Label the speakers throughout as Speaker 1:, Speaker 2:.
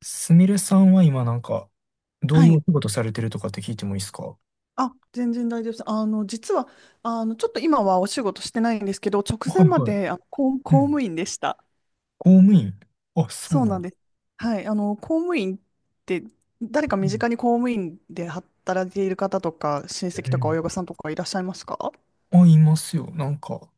Speaker 1: すみれさんは今なんか、どう
Speaker 2: は
Speaker 1: いうお
Speaker 2: い。
Speaker 1: 仕事されてるとかって聞いてもいいですか？
Speaker 2: あ、全然大丈夫です。実は、ちょっと今はお仕事してないんですけど、直
Speaker 1: は
Speaker 2: 前
Speaker 1: い
Speaker 2: ま
Speaker 1: はい。
Speaker 2: で、
Speaker 1: う
Speaker 2: 公
Speaker 1: ん。
Speaker 2: 務員でした。
Speaker 1: 公務員。あ、そう
Speaker 2: そう
Speaker 1: なの？
Speaker 2: なんです。はい。公務員って、誰か
Speaker 1: う
Speaker 2: 身
Speaker 1: ん。
Speaker 2: 近に公務員で働いている方とか、親
Speaker 1: う
Speaker 2: 戚とか
Speaker 1: ん。
Speaker 2: 親御さんとかいらっしゃいますか？
Speaker 1: あ、いますよ。なんか、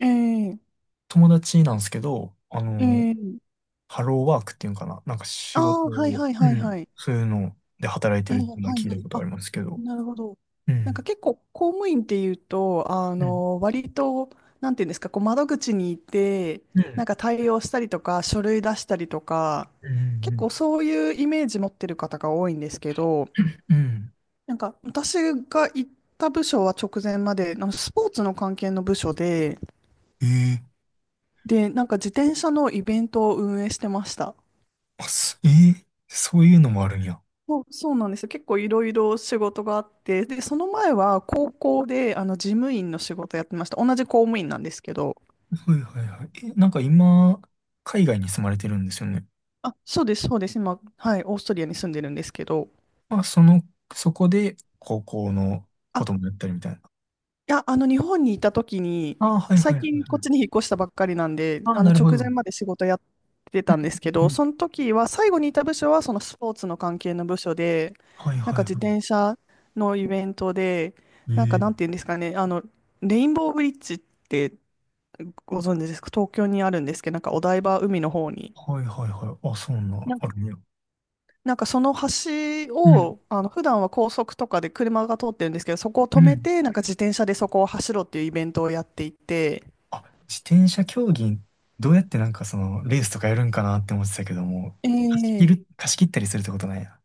Speaker 2: ええ
Speaker 1: 友達なんですけど、
Speaker 2: ええ、
Speaker 1: ハローワークっていうんかな。なんか仕
Speaker 2: あ
Speaker 1: 事
Speaker 2: あー、はい
Speaker 1: を、
Speaker 2: はい
Speaker 1: う
Speaker 2: はいは
Speaker 1: ん。
Speaker 2: い。
Speaker 1: そういうので働いて
Speaker 2: ええ、
Speaker 1: るっ
Speaker 2: は
Speaker 1: ていうのは
Speaker 2: い
Speaker 1: 聞い
Speaker 2: は
Speaker 1: たこ
Speaker 2: い。
Speaker 1: とあ
Speaker 2: あ、
Speaker 1: りますけど。
Speaker 2: なるほど。
Speaker 1: う
Speaker 2: なんか
Speaker 1: ん。
Speaker 2: 結構公務員っていうと、
Speaker 1: うん。
Speaker 2: 割と、なんていうんですか、こう窓口に行って、
Speaker 1: う
Speaker 2: な
Speaker 1: ん。
Speaker 2: んか対応したりとか、書類出したりとか、
Speaker 1: うん。う
Speaker 2: 結
Speaker 1: ん。
Speaker 2: 構そういうイメージ持ってる方が多いんですけど、
Speaker 1: うん。
Speaker 2: なんか私が行った部署は直前まで、あのスポーツの関係の部署で、
Speaker 1: うん。
Speaker 2: で、なんか自転車のイベントを運営してました。
Speaker 1: あ、すええそういうのもあるんや。
Speaker 2: そう、そうなんですよ。結構いろいろ仕事があって、で、その前は高校であの事務員の仕事やってました。同じ公務員なんですけど。
Speaker 1: はいはいはい。え、なんか今、海外に住まれてるんですよね？
Speaker 2: あ、そうです、そうです。今、はい、オーストリアに住んでるんですけど。
Speaker 1: まあ、その、そこで高校の
Speaker 2: あ、
Speaker 1: こ
Speaker 2: い
Speaker 1: ともやったりみたいな。
Speaker 2: や、日本にいた時に、
Speaker 1: ああ、はい
Speaker 2: 最
Speaker 1: はいはい
Speaker 2: 近こ
Speaker 1: は
Speaker 2: っ
Speaker 1: い。
Speaker 2: ちに引っ越したばっかりなんで、
Speaker 1: ああ、なるほ
Speaker 2: 直
Speaker 1: ど。う
Speaker 2: 前
Speaker 1: ん。
Speaker 2: まで仕事やってたんですけ
Speaker 1: う
Speaker 2: ど、
Speaker 1: ん。
Speaker 2: その時は、最後にいた部署は、そのスポーツの関係の部署で、
Speaker 1: はい
Speaker 2: なん
Speaker 1: は
Speaker 2: か
Speaker 1: い
Speaker 2: 自
Speaker 1: は
Speaker 2: 転車のイベントで、なんか、
Speaker 1: い。
Speaker 2: なんてい
Speaker 1: ええ。
Speaker 2: うんですかね、レインボーブリッジって、ご存知ですか？東京にあるんですけど、なんかお台場海の方に。
Speaker 1: はいはいはい。あ、そんな、
Speaker 2: な、
Speaker 1: あるね。
Speaker 2: なんかその橋
Speaker 1: うん。
Speaker 2: を、普段は高速とかで車が通ってるんですけど、そこを
Speaker 1: う
Speaker 2: 止め
Speaker 1: ん。
Speaker 2: て、なんか自転車でそこを走ろうっていうイベントをやっていて、
Speaker 1: あ、自転車競技、どうやってなんかその、レースとかやるんかなって思ってたけども、
Speaker 2: ええ、
Speaker 1: 貸し切ったりするってことなんや。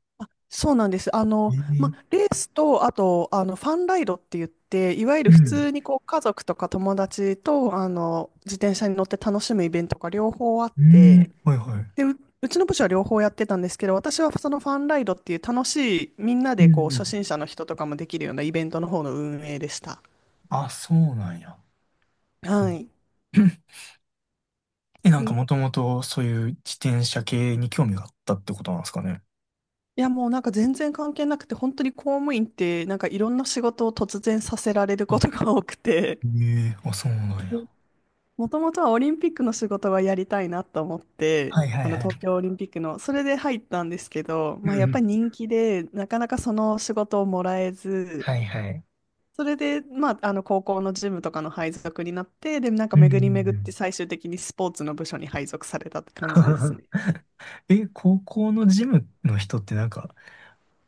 Speaker 2: そうなんです。ま、
Speaker 1: ええ。
Speaker 2: レースと、あと、ファンライドって言って、いわゆ
Speaker 1: う
Speaker 2: る普
Speaker 1: ん。
Speaker 2: 通にこう、家族とか友達と、自転車に乗って楽しむイベントが両方あっ
Speaker 1: う
Speaker 2: て、
Speaker 1: ん。はいはい。
Speaker 2: で、うちの部署は両方やってたんですけど、私はそのファンライドっていう楽しい、みんな
Speaker 1: う
Speaker 2: でこう
Speaker 1: んうん。
Speaker 2: 初心者の人とかもできるようなイベントの方の運営でした。
Speaker 1: あ、そうなんや。
Speaker 2: はい。
Speaker 1: え、なん
Speaker 2: で、
Speaker 1: か
Speaker 2: い
Speaker 1: もともとそういう自転車系に興味があったってことなんですかね？
Speaker 2: やもうなんか全然関係なくて、本当に公務員ってなんかいろんな仕事を突然させられるこ
Speaker 1: あ、
Speaker 2: とが多くて、
Speaker 1: ええ、あ、そうなんや。
Speaker 2: もともとはオリンピックの仕事がやりたいなと思って、
Speaker 1: はいはい
Speaker 2: あの
Speaker 1: は
Speaker 2: 東
Speaker 1: い。
Speaker 2: 京オリンピックの、それで入ったんですけど、
Speaker 1: うん
Speaker 2: まあ、
Speaker 1: う
Speaker 2: やっぱ
Speaker 1: ん。
Speaker 2: り人気で、なかなかその仕事をもらえず、
Speaker 1: はいはい。
Speaker 2: それで、まあ、あの高校のジムとかの配属になって、で、なんか
Speaker 1: うんう
Speaker 2: 巡
Speaker 1: ん
Speaker 2: り
Speaker 1: う
Speaker 2: 巡って
Speaker 1: ん。
Speaker 2: 最終的にスポーツの部署に配属されたって感じですね。
Speaker 1: え、高校のジムの人ってなんか、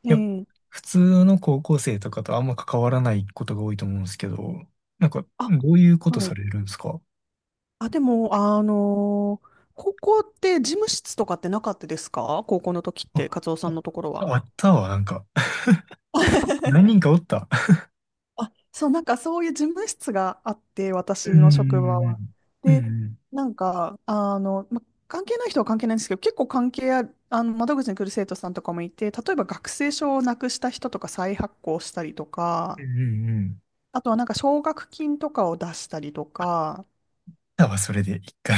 Speaker 2: え
Speaker 1: やっぱ
Speaker 2: え、
Speaker 1: 普通の高校生とかとあんま関わらないことが多いと思うんですけど、なんか、
Speaker 2: あ、
Speaker 1: どういうこと
Speaker 2: は
Speaker 1: さ
Speaker 2: い。
Speaker 1: れるんですか？
Speaker 2: あ、でも、高校って事務室とかってなかったですか？高校の時って、
Speaker 1: あ、
Speaker 2: カツオさんのところは。
Speaker 1: あったわ、なんか。何人かおった。
Speaker 2: あ、そう、なんかそういう事務室があって、私
Speaker 1: う
Speaker 2: の職場は。
Speaker 1: んうんうん
Speaker 2: で、
Speaker 1: うん。
Speaker 2: なんか、ま、関係ない人は関係ないんですけど、結構関係ある、窓口に来る生徒さんとかもいて、例えば学生証をなくした人とか再発行したりと
Speaker 1: うん
Speaker 2: か、
Speaker 1: うんうんうん。
Speaker 2: あとはなんか奨学金とかを出したりとか、
Speaker 1: だわ、それで、一回。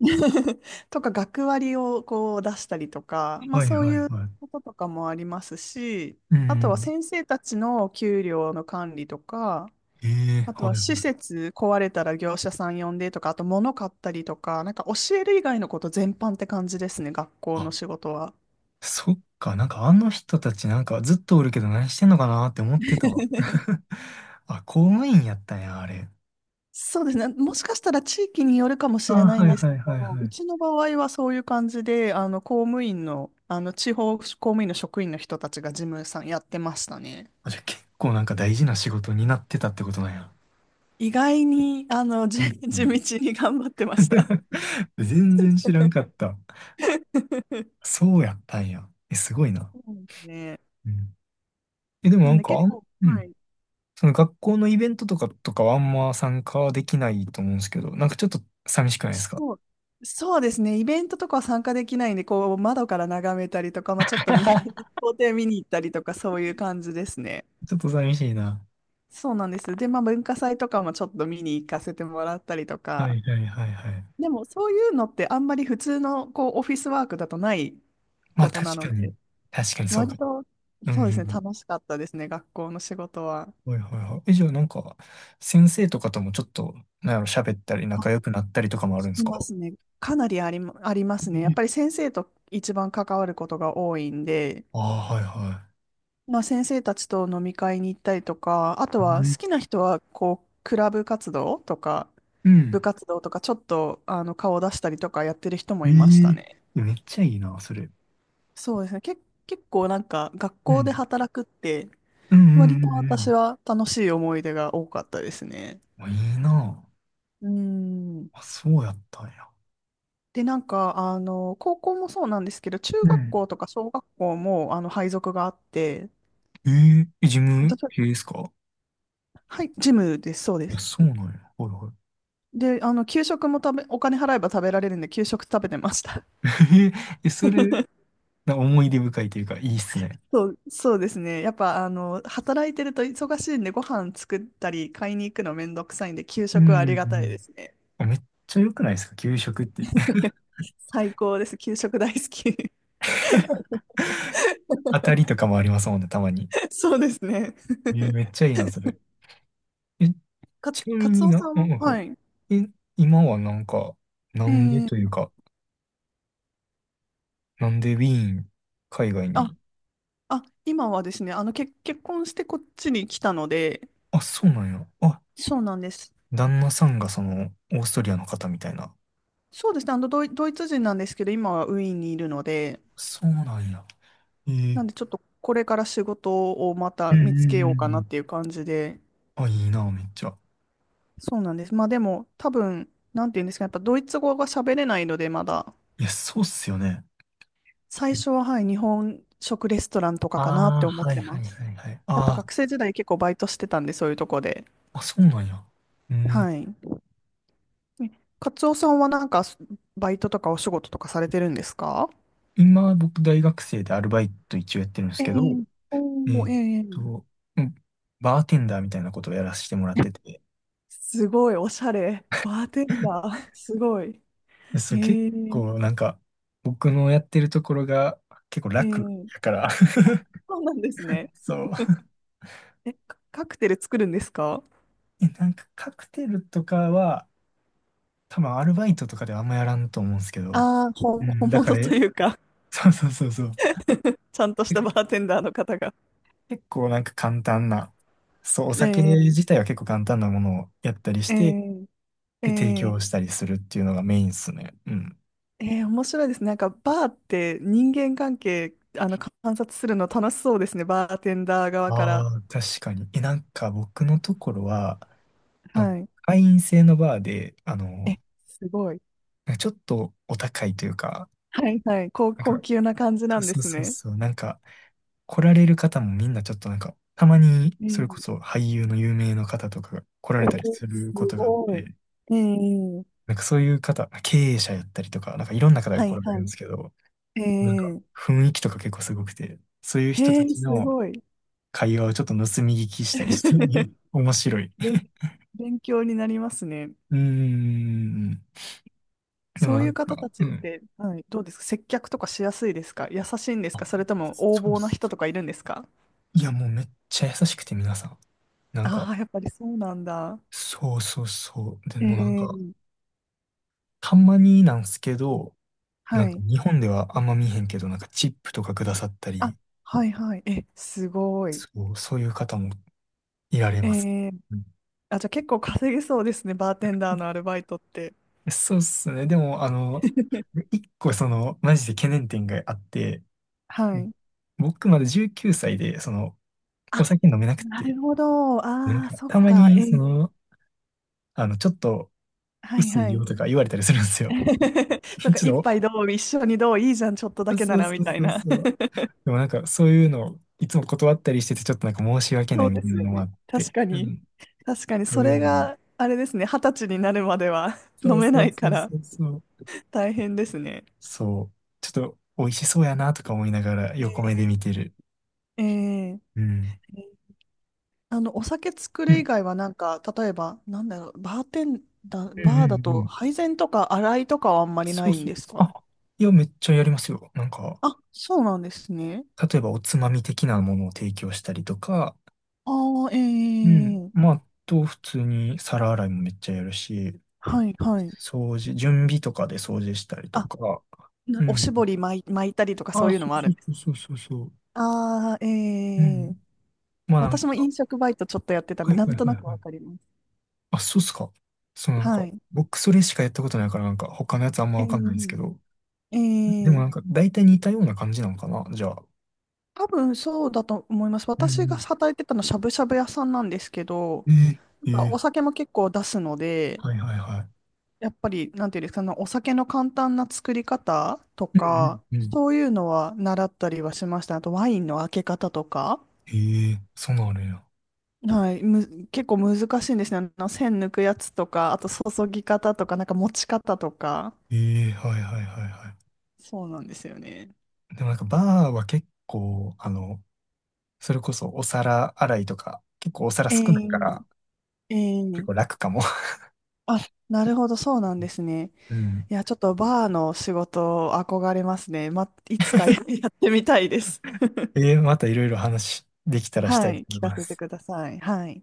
Speaker 2: とか学割をこう出したりとか、まあ
Speaker 1: はい
Speaker 2: そう
Speaker 1: はい
Speaker 2: いう
Speaker 1: はい。
Speaker 2: こととかもありますし、
Speaker 1: う
Speaker 2: あとは
Speaker 1: ん。
Speaker 2: 先生たちの給料の管理とか、
Speaker 1: ええ。
Speaker 2: あと
Speaker 1: はい
Speaker 2: は
Speaker 1: は
Speaker 2: 施
Speaker 1: い。
Speaker 2: 設壊れたら業者さん呼んでとか、あと物買ったりとか、なんか教える以外のこと全般って感じですね、学校の
Speaker 1: あ、
Speaker 2: 仕事は。
Speaker 1: そっか。なんかあの人たちなんかずっとおるけど何してんのかなって思ってたわ。あ、公務員やったんや、あれ。
Speaker 2: そうですね。もしかしたら地域によるかも
Speaker 1: あ、
Speaker 2: しれない
Speaker 1: は
Speaker 2: ん
Speaker 1: い
Speaker 2: ですけ
Speaker 1: はいはい
Speaker 2: ど、
Speaker 1: は
Speaker 2: う
Speaker 1: い。
Speaker 2: ちの場合はそういう感じで、公務員の、地方公務員の職員の人たちが事務さんやってましたね。
Speaker 1: あ、じゃあ結構なんか大事な仕事になってたってことなんや。
Speaker 2: 意外に、
Speaker 1: うん う
Speaker 2: 地
Speaker 1: ん。
Speaker 2: 道に頑張ってました。
Speaker 1: 全然知らんかった。そうやったんや。え、すごいな。
Speaker 2: そうですね。
Speaker 1: うん。え、でも
Speaker 2: な
Speaker 1: な
Speaker 2: ん
Speaker 1: ん
Speaker 2: で
Speaker 1: か
Speaker 2: 結構、
Speaker 1: う
Speaker 2: は
Speaker 1: ん。
Speaker 2: い。
Speaker 1: その学校のイベントとかはあんま参加できないと思うんですけど、なんかちょっと寂しくないですか？
Speaker 2: そう、そうですね。イベントとかは参加できないんで、こう、窓から眺めたりとか、まあ、ちょっと校庭見に行ったりとか、そういう感じですね。
Speaker 1: ちょっと寂しいな。
Speaker 2: そうなんです。で、まあ、文化祭とかもちょっと見に行かせてもらったりと
Speaker 1: は
Speaker 2: か、
Speaker 1: いはいはいはい。
Speaker 2: でも、そういうのってあんまり普通の、こう、オフィスワークだとない
Speaker 1: ま
Speaker 2: こ
Speaker 1: あ
Speaker 2: とな
Speaker 1: 確
Speaker 2: の
Speaker 1: かに、
Speaker 2: で、
Speaker 1: 確かにそうか
Speaker 2: 割
Speaker 1: も。
Speaker 2: と、
Speaker 1: う
Speaker 2: そうですね、
Speaker 1: ん、
Speaker 2: 楽しかったですね、学校の仕事は。
Speaker 1: うん。はいはいはい。え、じゃあなんか、先生とかともちょっと、なんやろ、喋ったり
Speaker 2: あ、
Speaker 1: 仲良くなったりとかもある
Speaker 2: し
Speaker 1: んです
Speaker 2: ま
Speaker 1: か？
Speaker 2: すね。かなりありますね。やっ
Speaker 1: え、
Speaker 2: ぱり先生と一番関わることが多いんで、
Speaker 1: ああ、はいは
Speaker 2: まあ、先生たちと飲み会に行ったりとか、あと
Speaker 1: い。う
Speaker 2: は好
Speaker 1: ん
Speaker 2: きな人はこうクラブ活動とか
Speaker 1: うん。
Speaker 2: 部活動とかちょっとあの顔を出したりとかやってる人も
Speaker 1: え
Speaker 2: いました
Speaker 1: え。
Speaker 2: ね。
Speaker 1: めっちゃいいな、それ。
Speaker 2: そうですね。結構なんか学
Speaker 1: う
Speaker 2: 校で
Speaker 1: ん。
Speaker 2: 働くって
Speaker 1: うんうんう
Speaker 2: 割と
Speaker 1: んう
Speaker 2: 私
Speaker 1: ん。
Speaker 2: は楽しい思い出が多かったですね。
Speaker 1: あ、いいな。
Speaker 2: うん。
Speaker 1: あ、そうやったんや。
Speaker 2: で、なんか、高校もそうなんですけど、中
Speaker 1: う
Speaker 2: 学
Speaker 1: ん。
Speaker 2: 校とか小学校も、配属があって、
Speaker 1: えええ、自
Speaker 2: ど
Speaker 1: 分、
Speaker 2: ちら
Speaker 1: ええですか？
Speaker 2: はい、ジムです、そうで
Speaker 1: あ、
Speaker 2: す。
Speaker 1: そうなんや。はいはい。
Speaker 2: で、給食もお金払えば食べられるんで、給食食べてました。
Speaker 1: えええ、それ、思い出深いというか、いいっすね。
Speaker 2: そう、そうですね。やっぱ、働いてると忙しいんで、ご飯作ったり、買いに行くのめんどくさいんで、給
Speaker 1: う
Speaker 2: 食
Speaker 1: んう
Speaker 2: はありがたい
Speaker 1: ん
Speaker 2: ですね。
Speaker 1: うん。めっちゃ良くないですか？給食って。
Speaker 2: 最高です。給食大好き。
Speaker 1: 当たりとかもありますもんね、たまに。
Speaker 2: そうですね。
Speaker 1: めっ ちゃいいな、それ。え、ちな
Speaker 2: カ
Speaker 1: み
Speaker 2: ツ
Speaker 1: に
Speaker 2: オさ
Speaker 1: な、
Speaker 2: ん
Speaker 1: う
Speaker 2: は、
Speaker 1: ん、はい。
Speaker 2: はい。
Speaker 1: え、今はなんか、な
Speaker 2: え
Speaker 1: んで
Speaker 2: ー、
Speaker 1: というか、なんでウィーン、海外
Speaker 2: あ、
Speaker 1: に？
Speaker 2: あ、今はですね、結婚してこっちに来たので、
Speaker 1: あ、そうなんや。あ、
Speaker 2: そうなんです。
Speaker 1: 旦那さんがその、オーストリアの方みたいな。
Speaker 2: そうですね、ドイツ人なんですけど、今はウィーンにいるので、
Speaker 1: そうなんや。えー、
Speaker 2: なんでちょっとこれから仕事をま
Speaker 1: う
Speaker 2: た
Speaker 1: んうん
Speaker 2: 見つけ
Speaker 1: うん
Speaker 2: よ
Speaker 1: う
Speaker 2: うかなっ
Speaker 1: ん。
Speaker 2: ていう感じで、
Speaker 1: あ、いいな、めっちゃ。
Speaker 2: そうなんです。まあでも多分、なんていうんですか、やっぱドイツ語が喋れないのでまだ、
Speaker 1: いや、そうっすよね。
Speaker 2: 最初ははい、日本食レストランとかかなっ
Speaker 1: あ
Speaker 2: て
Speaker 1: あ、
Speaker 2: 思っ
Speaker 1: はい
Speaker 2: て
Speaker 1: は
Speaker 2: ま
Speaker 1: い
Speaker 2: す。
Speaker 1: はいはい。
Speaker 2: やっぱ
Speaker 1: あ
Speaker 2: 学生時代結構バイトしてたんで、そういうとこで。
Speaker 1: あ、あ、そうなんや。うん。
Speaker 2: はい。えカツオさんはなんかバイトとかお仕事とかされてるんですか？
Speaker 1: 今、僕、大学生でアルバイト一応やってるんです
Speaker 2: え
Speaker 1: けど、
Speaker 2: え、お
Speaker 1: え
Speaker 2: ー、
Speaker 1: っ
Speaker 2: えー、
Speaker 1: とう、んバーテンダーみたいなことをやらせてもらってて、
Speaker 2: すごい、おしゃれ。バーテンダ ー、すごい。
Speaker 1: でそ
Speaker 2: え
Speaker 1: う、結
Speaker 2: え
Speaker 1: 構なんか、僕のやってるところが結構楽
Speaker 2: え
Speaker 1: や
Speaker 2: え、
Speaker 1: から、
Speaker 2: そうなんですね。
Speaker 1: そう。
Speaker 2: え、カクテル作るんですか？
Speaker 1: え、なんかカクテルとかは、多分アルバイトとかではあんまやらんと思うんですけど、
Speaker 2: ああー、
Speaker 1: うん、
Speaker 2: 本
Speaker 1: だか
Speaker 2: 物
Speaker 1: ら、
Speaker 2: というか、
Speaker 1: そうそうそうそう。
Speaker 2: ちゃんとしたバーテンダーの方が。
Speaker 1: 結構なんか簡単な、そう、お
Speaker 2: え
Speaker 1: 酒
Speaker 2: ー、
Speaker 1: 自体は結構簡単なものをやったりし
Speaker 2: え
Speaker 1: て、
Speaker 2: ー、え
Speaker 1: で、提
Speaker 2: ー、
Speaker 1: 供したりするっていうのがメインっすね。うん。
Speaker 2: えー、面白いですね。なんかバーって人間関係、観察するの楽しそうですね。バーテンダー側から。
Speaker 1: ああ、確かに。え、なんか僕のところは、あの、
Speaker 2: はい。
Speaker 1: 会員制のバーで、
Speaker 2: え、すごい。
Speaker 1: ちょっとお高いというか、
Speaker 2: はいはい。
Speaker 1: なん
Speaker 2: 高
Speaker 1: か、
Speaker 2: 級な感じ
Speaker 1: そ
Speaker 2: な
Speaker 1: う
Speaker 2: んで
Speaker 1: そう
Speaker 2: す
Speaker 1: そう
Speaker 2: ね。
Speaker 1: そう、なんか、来られる方もみんなちょっとなんか、たまに、
Speaker 2: え
Speaker 1: それこ
Speaker 2: ー、
Speaker 1: そ俳優の有名の方とかが来ら
Speaker 2: お
Speaker 1: れたりす
Speaker 2: ー、す
Speaker 1: ることがあっ
Speaker 2: ごい。
Speaker 1: て、
Speaker 2: えー、
Speaker 1: なんかそういう方、経営者やったりとか、なんかいろんな方が
Speaker 2: は
Speaker 1: 来
Speaker 2: い
Speaker 1: られる
Speaker 2: は
Speaker 1: んですけど、
Speaker 2: い。え
Speaker 1: なんか、
Speaker 2: ー、
Speaker 1: 雰囲気とか結構すごくて、そういう人
Speaker 2: え
Speaker 1: た
Speaker 2: ー、
Speaker 1: ち
Speaker 2: す
Speaker 1: の
Speaker 2: ごい。
Speaker 1: 会話をちょっと盗み聞きしたりして て、面白い。
Speaker 2: 勉、勉強になりますね。
Speaker 1: うーん。で
Speaker 2: そ
Speaker 1: も
Speaker 2: う
Speaker 1: な
Speaker 2: い
Speaker 1: ん
Speaker 2: う方
Speaker 1: か、
Speaker 2: た
Speaker 1: う
Speaker 2: ちっ
Speaker 1: ん。
Speaker 2: て、はい、どうですか？接客とかしやすいですか？優しいんですか？
Speaker 1: あ、
Speaker 2: それとも横
Speaker 1: そうで
Speaker 2: 暴な
Speaker 1: す。
Speaker 2: 人とかいるんですか？
Speaker 1: いや、もうめっちゃ優しくて皆さん。なんか、
Speaker 2: ああー、やっぱりそうなんだ。
Speaker 1: そうそうそう。でもなん
Speaker 2: え
Speaker 1: か、
Speaker 2: え、
Speaker 1: たまになんすけど、な
Speaker 2: は
Speaker 1: んか
Speaker 2: い。
Speaker 1: 日本ではあんま見えへんけど、なんかチップとかくださった
Speaker 2: あ、
Speaker 1: り、
Speaker 2: はいはい。え、すごい。
Speaker 1: そう、そういう方もいられ
Speaker 2: え
Speaker 1: ます。
Speaker 2: え、
Speaker 1: うん。
Speaker 2: あ、じゃあ結構稼げそうですね、バーテンダーのアルバイトって。
Speaker 1: そうっすね。でも、あの、一個その、マジで懸念点があって、
Speaker 2: はい。
Speaker 1: 僕まだ19歳で、その、お
Speaker 2: あ、
Speaker 1: 酒飲めなく
Speaker 2: な
Speaker 1: て、
Speaker 2: るほど。
Speaker 1: なん
Speaker 2: ああ、
Speaker 1: か
Speaker 2: そっ
Speaker 1: たま
Speaker 2: か。
Speaker 1: に、
Speaker 2: え
Speaker 1: そ
Speaker 2: ー、
Speaker 1: の、ちょっと
Speaker 2: はい
Speaker 1: 薄い
Speaker 2: は
Speaker 1: よ
Speaker 2: い。
Speaker 1: とか言われたりするんですよ。
Speaker 2: そ
Speaker 1: ち
Speaker 2: っか、一
Speaker 1: ょっと、
Speaker 2: 杯どう、一緒にどう、いいじゃん、ちょっとだ
Speaker 1: そ
Speaker 2: けな
Speaker 1: う
Speaker 2: ら、
Speaker 1: そ
Speaker 2: み
Speaker 1: う
Speaker 2: たい
Speaker 1: そう
Speaker 2: な。
Speaker 1: そう。でもなんか、そういうのをいつも断ったりしてて、ちょっとなんか申し訳な
Speaker 2: そ
Speaker 1: い
Speaker 2: う
Speaker 1: み
Speaker 2: で
Speaker 1: たい
Speaker 2: す
Speaker 1: な
Speaker 2: よ
Speaker 1: のもあ
Speaker 2: ね。
Speaker 1: っ
Speaker 2: 確
Speaker 1: て、
Speaker 2: か
Speaker 1: う
Speaker 2: に。
Speaker 1: ん、
Speaker 2: 確かに
Speaker 1: そ
Speaker 2: そ
Speaker 1: ういう
Speaker 2: れ
Speaker 1: のに。
Speaker 2: があれですね、二十歳になるまでは
Speaker 1: そ
Speaker 2: 飲
Speaker 1: う
Speaker 2: め
Speaker 1: そ
Speaker 2: な
Speaker 1: う
Speaker 2: い
Speaker 1: そ
Speaker 2: か
Speaker 1: う
Speaker 2: ら
Speaker 1: そうそう。
Speaker 2: 大変ですね。
Speaker 1: そう。ちょっと、美味しそうやなとか思いながら横目
Speaker 2: え
Speaker 1: で見てる。
Speaker 2: ー、えー、
Speaker 1: うん。
Speaker 2: お酒作
Speaker 1: う
Speaker 2: る以
Speaker 1: ん、
Speaker 2: 外はなんか、例えば、なんだろう、バーテンダ
Speaker 1: う
Speaker 2: ー、
Speaker 1: ん、うんう
Speaker 2: バーだと
Speaker 1: ん。
Speaker 2: 配膳とか洗いとかはあんまりな
Speaker 1: そう
Speaker 2: いん
Speaker 1: そう。
Speaker 2: ですか？
Speaker 1: あ、いや、めっちゃやりますよ。なんか、
Speaker 2: あ、そうなんですね。
Speaker 1: 例えばおつまみ的なものを提供したりとか、
Speaker 2: ああ、
Speaker 1: うん。
Speaker 2: ええ、
Speaker 1: まあ、普通に皿洗いもめっちゃやるし、
Speaker 2: はい、はい。
Speaker 1: 掃除、準備とかで掃除したりと
Speaker 2: あ、
Speaker 1: か。
Speaker 2: な
Speaker 1: う
Speaker 2: おし
Speaker 1: ん。
Speaker 2: ぼり巻いたりとかそ
Speaker 1: あ、
Speaker 2: ういう
Speaker 1: そ
Speaker 2: のも
Speaker 1: う
Speaker 2: あ
Speaker 1: そ
Speaker 2: るんです。
Speaker 1: うそうそうそうそう。
Speaker 2: ああ、え
Speaker 1: うん。
Speaker 2: え、
Speaker 1: まあなん
Speaker 2: 私も
Speaker 1: か、
Speaker 2: 飲食バイトちょっとやってたん
Speaker 1: は
Speaker 2: で、
Speaker 1: い
Speaker 2: なん
Speaker 1: はい
Speaker 2: と
Speaker 1: は
Speaker 2: な
Speaker 1: いはい。
Speaker 2: くわかります。
Speaker 1: あ、そうっすか。そうなんか、
Speaker 2: はい。
Speaker 1: 僕それしかやったことないからなんか他のやつあんま
Speaker 2: え
Speaker 1: わかんないんですけ
Speaker 2: え
Speaker 1: ど。でも
Speaker 2: ええ、
Speaker 1: なんか大体似たような感じなのかな、じゃあ。
Speaker 2: 多分そうだと思います。
Speaker 1: う
Speaker 2: 私が
Speaker 1: ん。
Speaker 2: 働いてたのしゃぶしゃぶ屋さんなんですけど、
Speaker 1: えー、
Speaker 2: な
Speaker 1: え
Speaker 2: んか
Speaker 1: ー、
Speaker 2: お酒も結構出すので、
Speaker 1: はいはいは
Speaker 2: やっぱり、なんていうんですか、あのお酒の簡単な作り方と
Speaker 1: い。うん
Speaker 2: か、
Speaker 1: うんうん。
Speaker 2: そういうのは習ったりはしました。あとワインの開け方とか、
Speaker 1: ええ、そうなのや。
Speaker 2: はい、結構難しいんですね。栓抜くやつとか、あと注ぎ方とか、なんか持ち方とか、
Speaker 1: ええ、はいはいはいは
Speaker 2: そうなんですよね。
Speaker 1: い。でもなんかバーは結構、あの、それこそお皿洗いとか、結構お皿少ないか
Speaker 2: え
Speaker 1: ら、
Speaker 2: え
Speaker 1: 結
Speaker 2: ええ、
Speaker 1: 構楽かも。
Speaker 2: あ、なるほど、そうなんですね。
Speaker 1: うん。
Speaker 2: いや、ちょっとバーの仕事憧れますね。ま、いつかやってみたいです。
Speaker 1: またいろいろ話できたらした
Speaker 2: は
Speaker 1: いと
Speaker 2: い。
Speaker 1: 思
Speaker 2: 聞
Speaker 1: い
Speaker 2: か
Speaker 1: ま
Speaker 2: せて
Speaker 1: す。
Speaker 2: ください。はい。